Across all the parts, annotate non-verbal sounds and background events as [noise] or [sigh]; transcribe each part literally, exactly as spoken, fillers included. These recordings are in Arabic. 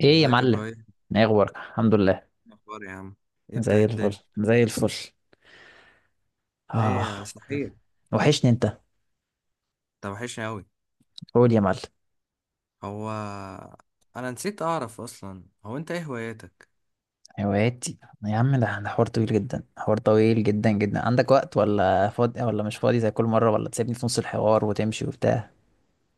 ايه يا ازيك يا معلم؟ ابراهيم؟ إيه ايه اخبارك؟ الحمد لله. الاخبار يا عم؟ ايه ده؟ زي ايه الفل، الدنيا؟ زي الفل. اه، ايه صحيح. وحشني انت. انت وحشني اوي. قول يا معلم. هو انا نسيت اعرف اصلا، هو انت ايه هواياتك؟ هواياتي؟ يا عم، ده ده حوار طويل جدا، حوار طويل جدا جدا. عندك وقت ولا فاضي ولا مش فاضي زي كل مره، ولا تسيبني في نص الحوار وتمشي وبتاع؟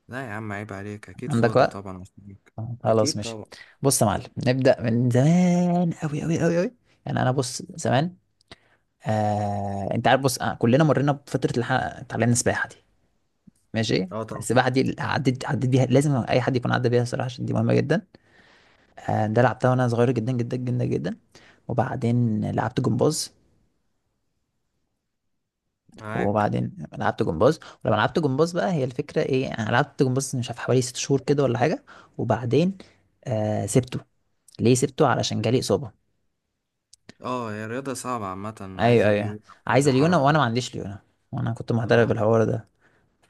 لا يا عم عيب عليك، اكيد عندك فاضي وقت؟ طبعا عشانك. آه، خلاص، اكيد ماشي. طبعا. بص يا معلم، نبدا من زمان قوي قوي قوي قوي. يعني انا، بص، زمان، آه، انت عارف، بص، آه، كلنا مرينا بفتره الح... اتعلمنا السباحه دي. ماشي. اه طبعا. السباحه دي عديت، عديت بيها، لازم اي حد يكون عدى بيها الصراحه، عشان دي مهمه جدا. آه، ده لعبتها وانا صغير جدا جدا جدا جدا. وبعدين لعبت جمباز. معاك. وبعدين لعبت جمباز. ولما لعبت جمباز بقى، هي الفكرة ايه، انا لعبت جمباز مش عارف حوالي ست شهور كده ولا حاجة. وبعدين، آه، سبته. ليه سبته؟ علشان جالي إصابة. اه، هي الرياضة صعبة عامة، ايوه عايزة ايوه، ليونة. عايزة عايزة ليونة، وانا حركة. ما عنديش ليونة. وانا كنت محترف اه، بالحوار ده.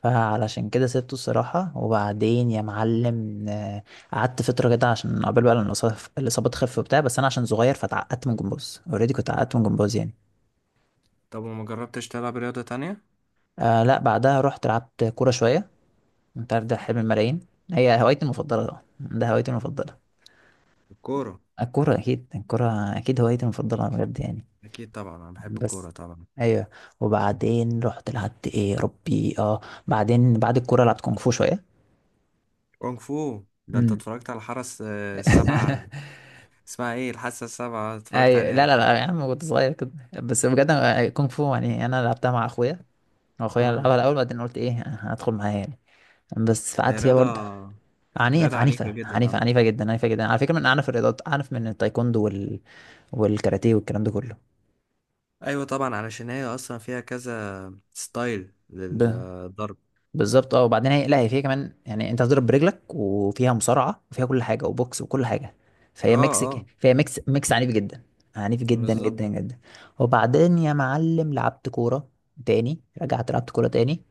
فعلشان كده سبته الصراحة. وبعدين يا معلم، آه، قعدت فترة كده عشان قبل بقى لما الإصابة الإصابة تخف وبتاع، بس أنا عشان صغير فتعقدت من جمباز. أوريدي كنت عقدت من جمباز يعني. طب وما جربتش تلعب رياضة تانية؟ آه لا، بعدها رحت لعبت كورة شوية. انت عارف، ده حلم الملايين. هي هوايتي المفضلة طبعا، ده هوايتي المفضلة. الكورة؟ الكورة أكيد، الكورة أكيد هوايتي المفضلة بجد يعني. اكيد طبعا انا بحب بس الكورة طبعا. أيوه. وبعدين رحت لعبت إيه يا ربي؟ أه، بعدين بعد الكورة لعبت كونغ فو شوية. كونغ فو ده، انت امم اتفرجت على الحرس آه، السبعة؟ [laughs] اسمها ايه؟ الحاسة السبعة، اتفرجت أيوه، عليها لا لا اكيد. لا يا عم، كنت صغير كده. بس بجد أنا- كونغ فو، يعني أنا لعبتها مع أخويا. أخويا لعبها مم. الأول، بعدين قلت إيه، هدخل معايا يعني. بس هي قعدت فيها رياضة. برضه. عنيف، رياضة عنيفة عنيفة جدا عنيفة عامة. عنيفة جدا، عنيفة جدا على فكرة، من أعنف الرياضات، أعنف من التايكوندو وال... والكاراتيه والكلام ده كله. أيوة طبعا، علشان هي أصلا فيها كذا ستايل ب... للضرب. بالظبط. اه، وبعدين هي، لا هي فيها كمان، يعني أنت هتضرب برجلك، وفيها مصارعة، وفيها كل حاجة، وبوكس وكل حاجة. اه فهي ميكس ك- اه. فهي ميكس ميكس عنيف جدا، عنيف جدا جدا بالظبط. جدا. وبعدين يا معلم لعبت كورة تاني، رجعت لعبت كورة تاني.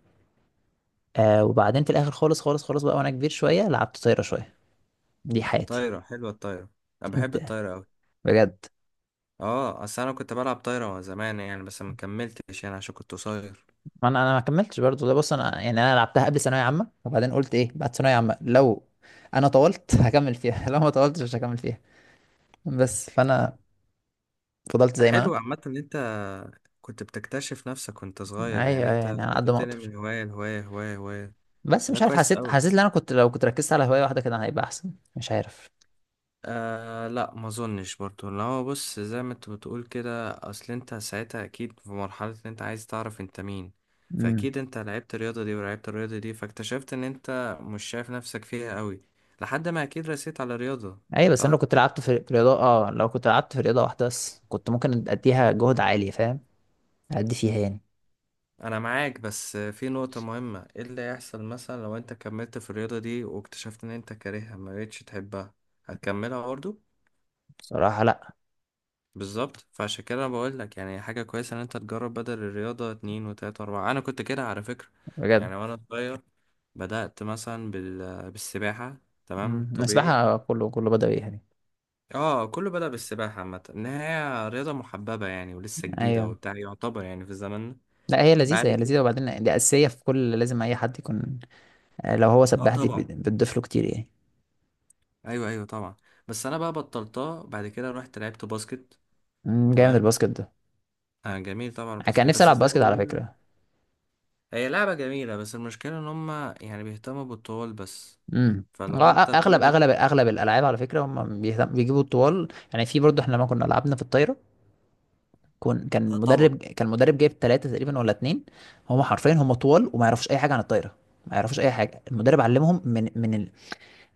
آه، وبعدين في الآخر خالص خالص خالص بقى، وأنا كبير شوية، لعبت طايرة شوية. دي حياتي. طايرة، حلوة الطايرة. أنا بحب أنت؟ الطايرة أوي. بجد؟ اه، أصل أنا كنت بلعب طايرة زمان يعني، بس ما كملتش يعني عشان كنت قصير. ما انا، انا ما كملتش برضه. ده بص انا يعني، انا لعبتها قبل ثانويه عامه، وبعدين قلت ايه، بعد ثانويه عامه لو انا طولت هكمل فيها، [laughs] لو ما طولتش مش هكمل فيها. بس فانا فضلت زي ما حلو عامة إن أنت كنت بتكتشف نفسك وأنت انا. صغير، يعني ايوه، أيوة، أنت يعني على كنت قد ما بتنقل اقدر. من هواية لهواية، هواية هواية. بس ده مش عارف، كويس حسيت، حسيت أوي. ان انا كنت، لو كنت ركزت على هوايه واحده كده هيبقى احسن، مش عارف. آه لا ما اظنش برضو، لو هو بص زي ما انت بتقول كده، اصل انت ساعتها اكيد في مرحلة ان انت عايز تعرف انت مين. امم. فاكيد انت لعبت الرياضة دي ولعبت الرياضة دي، فاكتشفت ان انت مش شايف نفسك فيها قوي لحد ما اكيد رسيت على الرياضة. ايوه، بس انا لو صح. كنت لعبت في في رياضه، اه لو كنت لعبت في رياضه واحده بس كنت ممكن اديها جهد عالي، فاهم؟ ادي فيها يعني. انا معاك، بس في نقطة مهمة: ايه اللي هيحصل مثلا لو انت كملت في الرياضة دي واكتشفت ان انت كارهها، ما بقتش تحبها؟ هتكملها برضو؟ صراحه لا. بالظبط، فعشان كده بقول لك يعني حاجة كويسة ان انت تجرب بدل الرياضة اتنين وتلاتة واربعة. انا كنت كده على فكرة، بجد. يعني وانا صغير. بدأت مثلا بال... بالسباحة. تمام امم. طبيعي. السباحه، كله كله بدأ يعني. اه كله بدأ بالسباحة عامة، ان هي رياضة محببة يعني ولسه جديدة ايوه، وبتاع، يعتبر يعني في زماننا. لا هي لذيذة، بعد هي كده. لذيذة، وبعدين دي أساسية في كل، لازم أي حد يكون. آه، لو هو اه سباح دي طبعا. بت- بتضيف له كتير يعني. ايوه ايوه طبعا. بس انا بقى بطلتها بعد كده رحت لعبت باسكت. مم، جامد تمام. الباسكت ده. آه جميل طبعا أنا كان الباسكت، نفسي بس ألعب زي ما باسكت على بقول فكرة. هي لعبة جميلة، بس المشكلة ان هما يعني بيهتموا بالطول بس. امم. فلو انت أغلب طولك. أغلب أغلب الألعاب على فكرة، هم بيهتم- بيجيبوا الطوال يعني. في برضه، إحنا لما كنا لعبنا في الطايرة، كون كان آه طبعا. المدرب كان المدرب جايب ثلاثة تقريبا ولا اتنين، هم حرفيا هم طوال، وما يعرفوش أي حاجة عن الطايرة، ما يعرفوش أي حاجة. المدرب علمهم من من ال...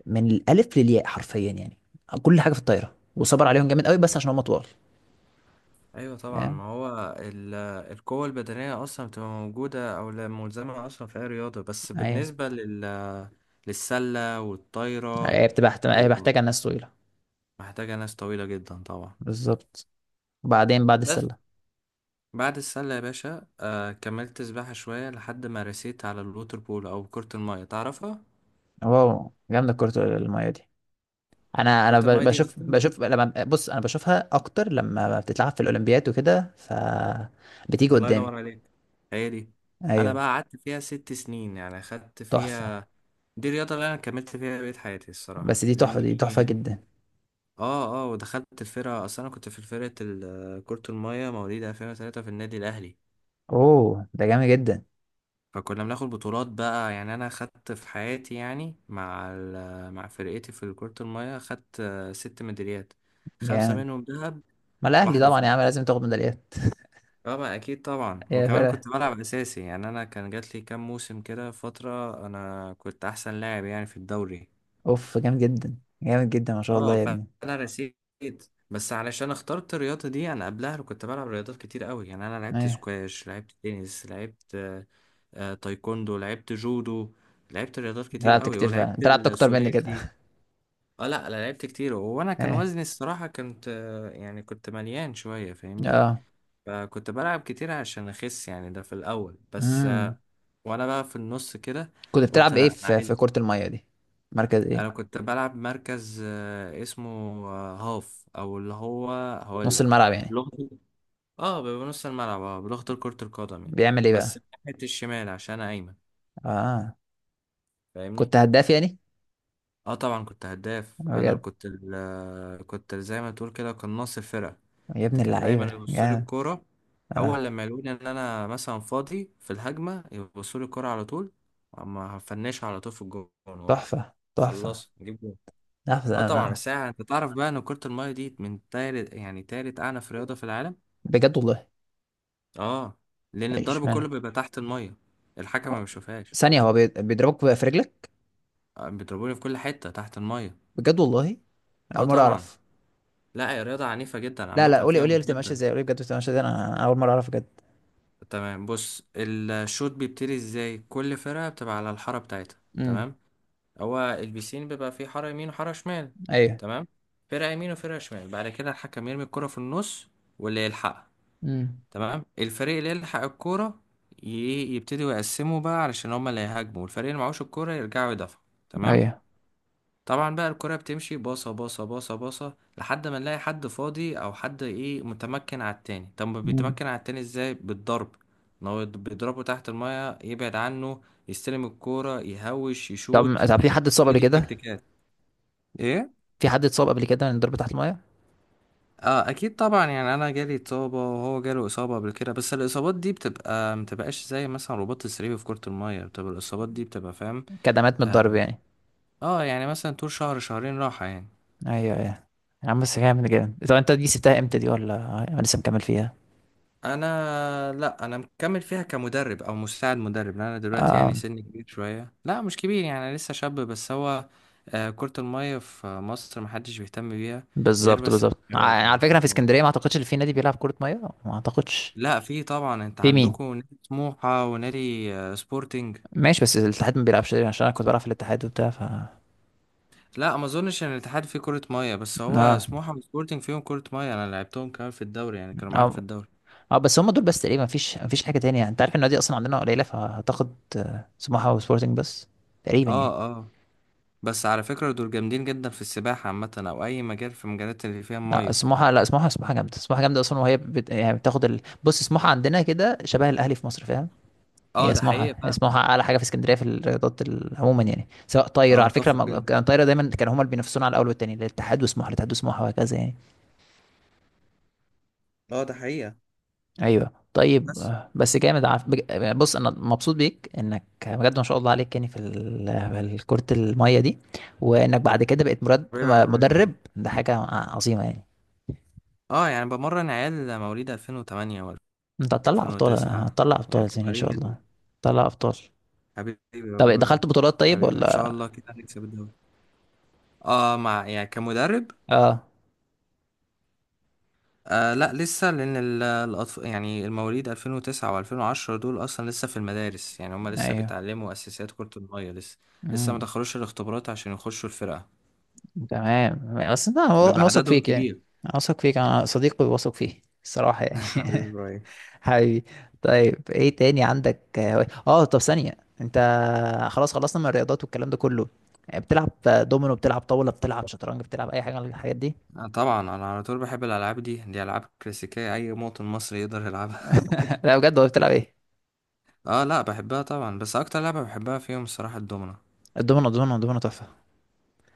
من الألف للياء حرفيا يعني، كل حاجة في الطايرة، وصبر عليهم جامد قوي، بس عشان هم طوال. ايوه طبعا. فاهم؟ ما هو ال- القوة البدنية اصلا بتبقى موجودة او لا ملزمة اصلا في اي رياضة، بس أيوة. بالنسبة لل... للسلة والطايرة هي بتبقى محت- هي محتاجة ناس طويلة. محتاجة ناس طويلة جدا طبعا. بالظبط. وبعدين بعد بس السلة. بعد السلة يا باشا، آه كملت سباحة شوية لحد ما رسيت على الووتر بول او كرة المية، تعرفها؟ واو، جامدة كرة المية دي. انا كرة انا ب- المية دي بشوف، اصلا. بشوف لما بص انا بشوفها اكتر لما بتتلعب في الاولمبياد وكده، ف بتيجي الله قدامي. ينور عليك. هي دي. انا ايوه. بقى قعدت فيها ست سنين، يعني خدت تحفة. فيها. دي الرياضه اللي انا كملت فيها بقية حياتي الصراحه، بس دي تحفة، لاني دي تحفة جدا. اه اه. ودخلت الفرقه اصلا، انا كنت في فرقه ال- كره الميه مواليد ألفين وثلاثة في النادي الاهلي. اوه، ده جامد جدا، فكنا بناخد بطولات بقى، يعني انا خدت في حياتي يعني مع ال- مع فرقتي في كره الميه، خدت آه، ست ميداليات. خمسه جامد. منهم ذهب ما الاهلي واحده. طبعا يا عم لازم تاخد ميداليات. طبعا اكيد طبعا، [laughs] يا وكمان فرقة. كنت بلعب اساسي. يعني انا كان جات لي كام موسم كده فتره انا كنت احسن لاعب يعني في الدوري. اوف، جامد جدا، جامد جدا، ما شاء الله اه يا ابني. فانا رسيت. بس علشان اخترت الرياضه دي، انا قبلها كنت بلعب رياضات كتير قوي. يعني انا لعبت ايوه. سكواش، لعبت تنس، لعبت آه، آه، تايكوندو، لعبت جودو، لعبت رياضات أنت كتير لعبت قوي، كتير فعلا، ولعبت انت لعبت اكتر مني كده. الثلاثي. اه لا لا لعبت كتير، وانا [laughs] كان ايوه. وزني الصراحه كنت آه، يعني كنت مليان شويه، فاهمني؟ اه. فكنت بلعب كتير عشان اخس يعني، ده في الاول بس. امم. آه، وانا بقى في النص كده كنت قلت بتلعب لا ايه انا في عايز. في كرة المية دي؟ مركز ايه؟ انا كنت بلعب مركز آه، اسمه آه، هاف، او اللي هو، هقول نص لك الملعب يعني؟ لغة. اه بيبقى نص الملعب اه بلغة كرة القدم يعني. بيعمل ايه بس بقى؟ ناحية الشمال عشان انا ايمن، اه. فاهمني؟ كنت هداف يعني؟ اه طبعا كنت هداف. انا اللي بجد؟ كنت ال كنت زي ما تقول كده قناص الفرقه. يا ابن ده كان دايما اللعيبة، يبص لي جامد. الكوره. اه. اول لما يلاقوني ان انا مثلا فاضي في الهجمه يبصوا لي الكوره على طول. اما هفنشها على طول في الجون. تحفة تحفة وخلص نجيب جون. تحفة. اه طبعا. آه. بس يعني انت تعرف بقى ان كره الميه دي من تالت، يعني تالت اعنف رياضه في العالم. بجد والله. اه، لان ايش الضرب كله معنى؟ بيبقى تحت الميه. الحكم ما بيشوفهاش. ثانية، هو بي- بيضربك في رجلك؟ آه، بيضربوني في كل حته تحت الميه. بجد والله؟ اه اول مرة طبعا. اعرف. لا هي رياضة عنيفة جدا لا لا، عامة، قولي فيها قولي اللي بتبقى ماشية مجهد. ازاي، قولي بجد بتبقى ماشية ازاي، انا أنا اول مرة اعرف بجد. تمام بص، الشوط بيبتدي ازاي؟ كل فرقة بتبقى على الحارة بتاعتها. امم. تمام. هو البيسين بيبقى فيه حارة يمين وحارة شمال. ايوه. تمام. فرقة يمين وفرقة شمال، بعد كده الحكم يرمي الكرة في النص، واللي يلحقها. امم. تمام، الفريق اللي يلحق الكرة ي- يبتدي يقسموا بقى، علشان هما اللي هيهاجموا، والفريق اللي معهوش الكرة يرجعوا يدافعوا. تمام. ايوه. طبعا بقى الكرة بتمشي باصة باصة باصة باصة لحد ما نلاقي حد فاضي او حد ايه متمكن على التاني. طب ما امم. بيتمكن على التاني ازاي؟ بالضرب. ان هو يض- بيضربه تحت المية، يبعد عنه، يستلم الكورة، يهوش، طب، يشوت. طب في حد اتصاب كل قبل دي كده؟ تكتيكات. ايه. في حد اتصاب قبل كده من الضرب تحت المية؟ اه اكيد طبعا، يعني انا جالي اصابة وهو جاله اصابة قبل كده، بس الاصابات دي بتبقى، متبقاش زي مثلا رباط السري. في كرة المية بتبقى الاصابات دي بتبقى، فاهم؟ كدمات من اه. الضرب يعني؟ آه، يعني مثلا طول شهر شهرين راحة يعني. ايوه ايوه. يا عم بس جامد، جامد. طب انت دي سبتها امتى دي، ولا انا لسه مكمل فيها؟ انا، لا انا مكمل فيها كمدرب او مساعد مدرب. لان انا دلوقتي يعني آه. سني كبير شويه، لا مش كبير يعني انا لسه شاب، بس هو آه، كرة المية في مصر محدش بيهتم بيها غير بالظبط، بس بالظبط، ع- يعني الشباب على يعني. فكره في اسكندريه ما اعتقدش ان في نادي بيلعب كره ميه. ما اعتقدش. لا في طبعا، انت في مين؟ عندكم نادي سموحة ونادي آه، سبورتنج. ماشي، بس الاتحاد ما بيلعبش تقريباً، عشان انا كنت بلعب في الاتحاد وبتاع ف. لا ما اظنش ان الاتحاد فيه كرة مية، بس هو اه. سموحة وسبورتنج فيهم كرة مية، انا لعبتهم كمان في الدوري يعني كانوا معانا في اه. الدوري. اه بس هم دول بس تقريبا، مفيش مفيش حاجه تانية، انت عارف ان النادي اصلا عندنا قليله، فهتاخد آه، سموحه وسبورتنج بس تقريبا يعني. اه اه. بس على فكرة دول جامدين جدا في السباحة عامة، او اي مجال في مجالات اللي فيها لا، مية. سموحه، لا سموحه، سموحه جامده، سموحه جامده اصلا، وهي بت... يعني بتاخد ال... بص سموحه عندنا كده شبه الاهلي في مصر، فاهم؟ اه هي ده سموحة، حقيقي هي فعلا. سموحة أعلى حاجة في اسكندرية في الرياضات ال- عموما يعني، سواء طايرة اه على فكرة، اتفق ما- جدا. كان طايرة دايما كانوا هما اللي بينافسونا على الأول والتاني، الاتحاد وسموحة، الاتحاد وسموحة، وهكذا يعني. اه ده حقيقة. أيوه طيب. بس آه، بس جامد. عارف بج- بص، أنا مبسوط بيك إنك بجد ما شاء الله عليك يعني في ال- في كرة المية دي، وإنك بعد كده بقيت مرد حبيبي يا عبد مدرب، الله. ده حاجة عظيمة يعني. اه يعني بمرن عيال مواليد ألفين وتمانية أنت هتطلع أبطال، و2009، هتطلع أبطال يعني يعني إن صغيرين شاء جدا. الله، هتطلع أبطال. حبيبي يا طب برو. دخلت بطولات طيب حبيبي ان شاء ولا؟ الله كده هنكسب الدوري. اه، مع يعني كمدرب. آه. آه لا لسه، لان ال- الأطف... يعني المواليد ألفين وتسعة وألفين وعشرة دول اصلا لسه في المدارس، يعني هم لسه أيوه. بيتعلموا اساسيات كرة المية لسه. لسه ما مم. دخلوش الاختبارات عشان يخشوا الفرقة، تمام. بس انت، انا انا بيبقى واثق عددهم فيك يعني، كبير. انا واثق فيك، انا صديقي واثق فيه الصراحة [laughs] يعني. حبيبي يا [laughs] برو. حبيبي. طيب ايه تاني عندك؟ اه، آه، طب ثانية، انت، خلاص، خلصنا من الرياضات والكلام ده كله، بتلعب دومينو، بتلعب طاولة، بتلعب شطرنج، بتلعب اي حاجة من الحاجات دي؟ آه طبعا انا على طول بحب الالعاب دي، دي العاب كلاسيكيه اي مواطن مصري يقدر يلعبها. [laughs] لا بجد، هو بتلعب ايه؟ [laughs] اه لا بحبها طبعا، بس اكتر لعبه بحبها فيهم الصراحه الدومنه. الدومينو، الدومينو، الدومينو تحفة.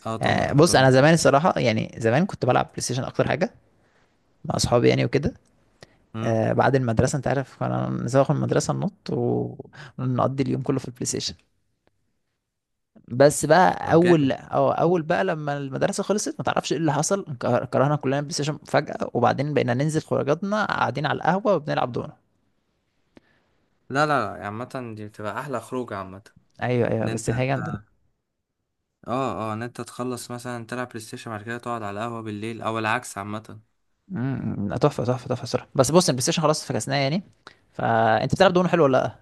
اه آه، طبعا بص انا الدومنه طبعا. زمان الصراحة يعني، زمان كنت بلعب بلاي ستيشن اكتر حاجة، مع اصحابي يعني وكده. امم. آه، بعد المدرسة، انت عارف، كنا نزوغ من المدرسة ننط، ونقضي اليوم كله في البلاي ستيشن. بس بقى طب اول، جامد. أو اول بقى لما المدرسه خلصت، ما تعرفش ايه اللي حصل، انك- كرهنا كلنا بلاي ستيشن فجاه، وبعدين بقينا ننزل خروجاتنا قاعدين على القهوه وبنلعب دومنا. لا لا. لا عامه دي بتبقى احلى خروج عامه. ايوه ايوه، ان انت، بس هي جامده. اه اه، ان انت تخلص مثلا تلعب بلاي ستيشن بعد كده تقعد على القهوه بالليل، او العكس عامه. امم. لا، تحفه تحفه تحفه صراحه. بس بص، البلاي ستيشن خلاص فكسناه يعني. فانت بتلعب دومنا حلو ولا لا؟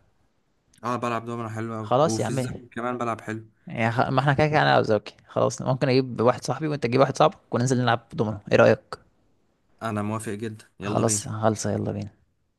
اه بلعب دومنه حلو قوي، خلاص يا وفي عم، إيه؟ الزمن كمان بلعب حلو. يعني خ... ما احنا كده كده انا وزوكي، خلاص، ممكن اجيب واحد صاحبي وانت تجيب واحد صاحبك وننزل نلعب دومنا، ايه رايك؟ انا موافق جدا، يلا خلاص، بينا. خلصه، يلا بينا.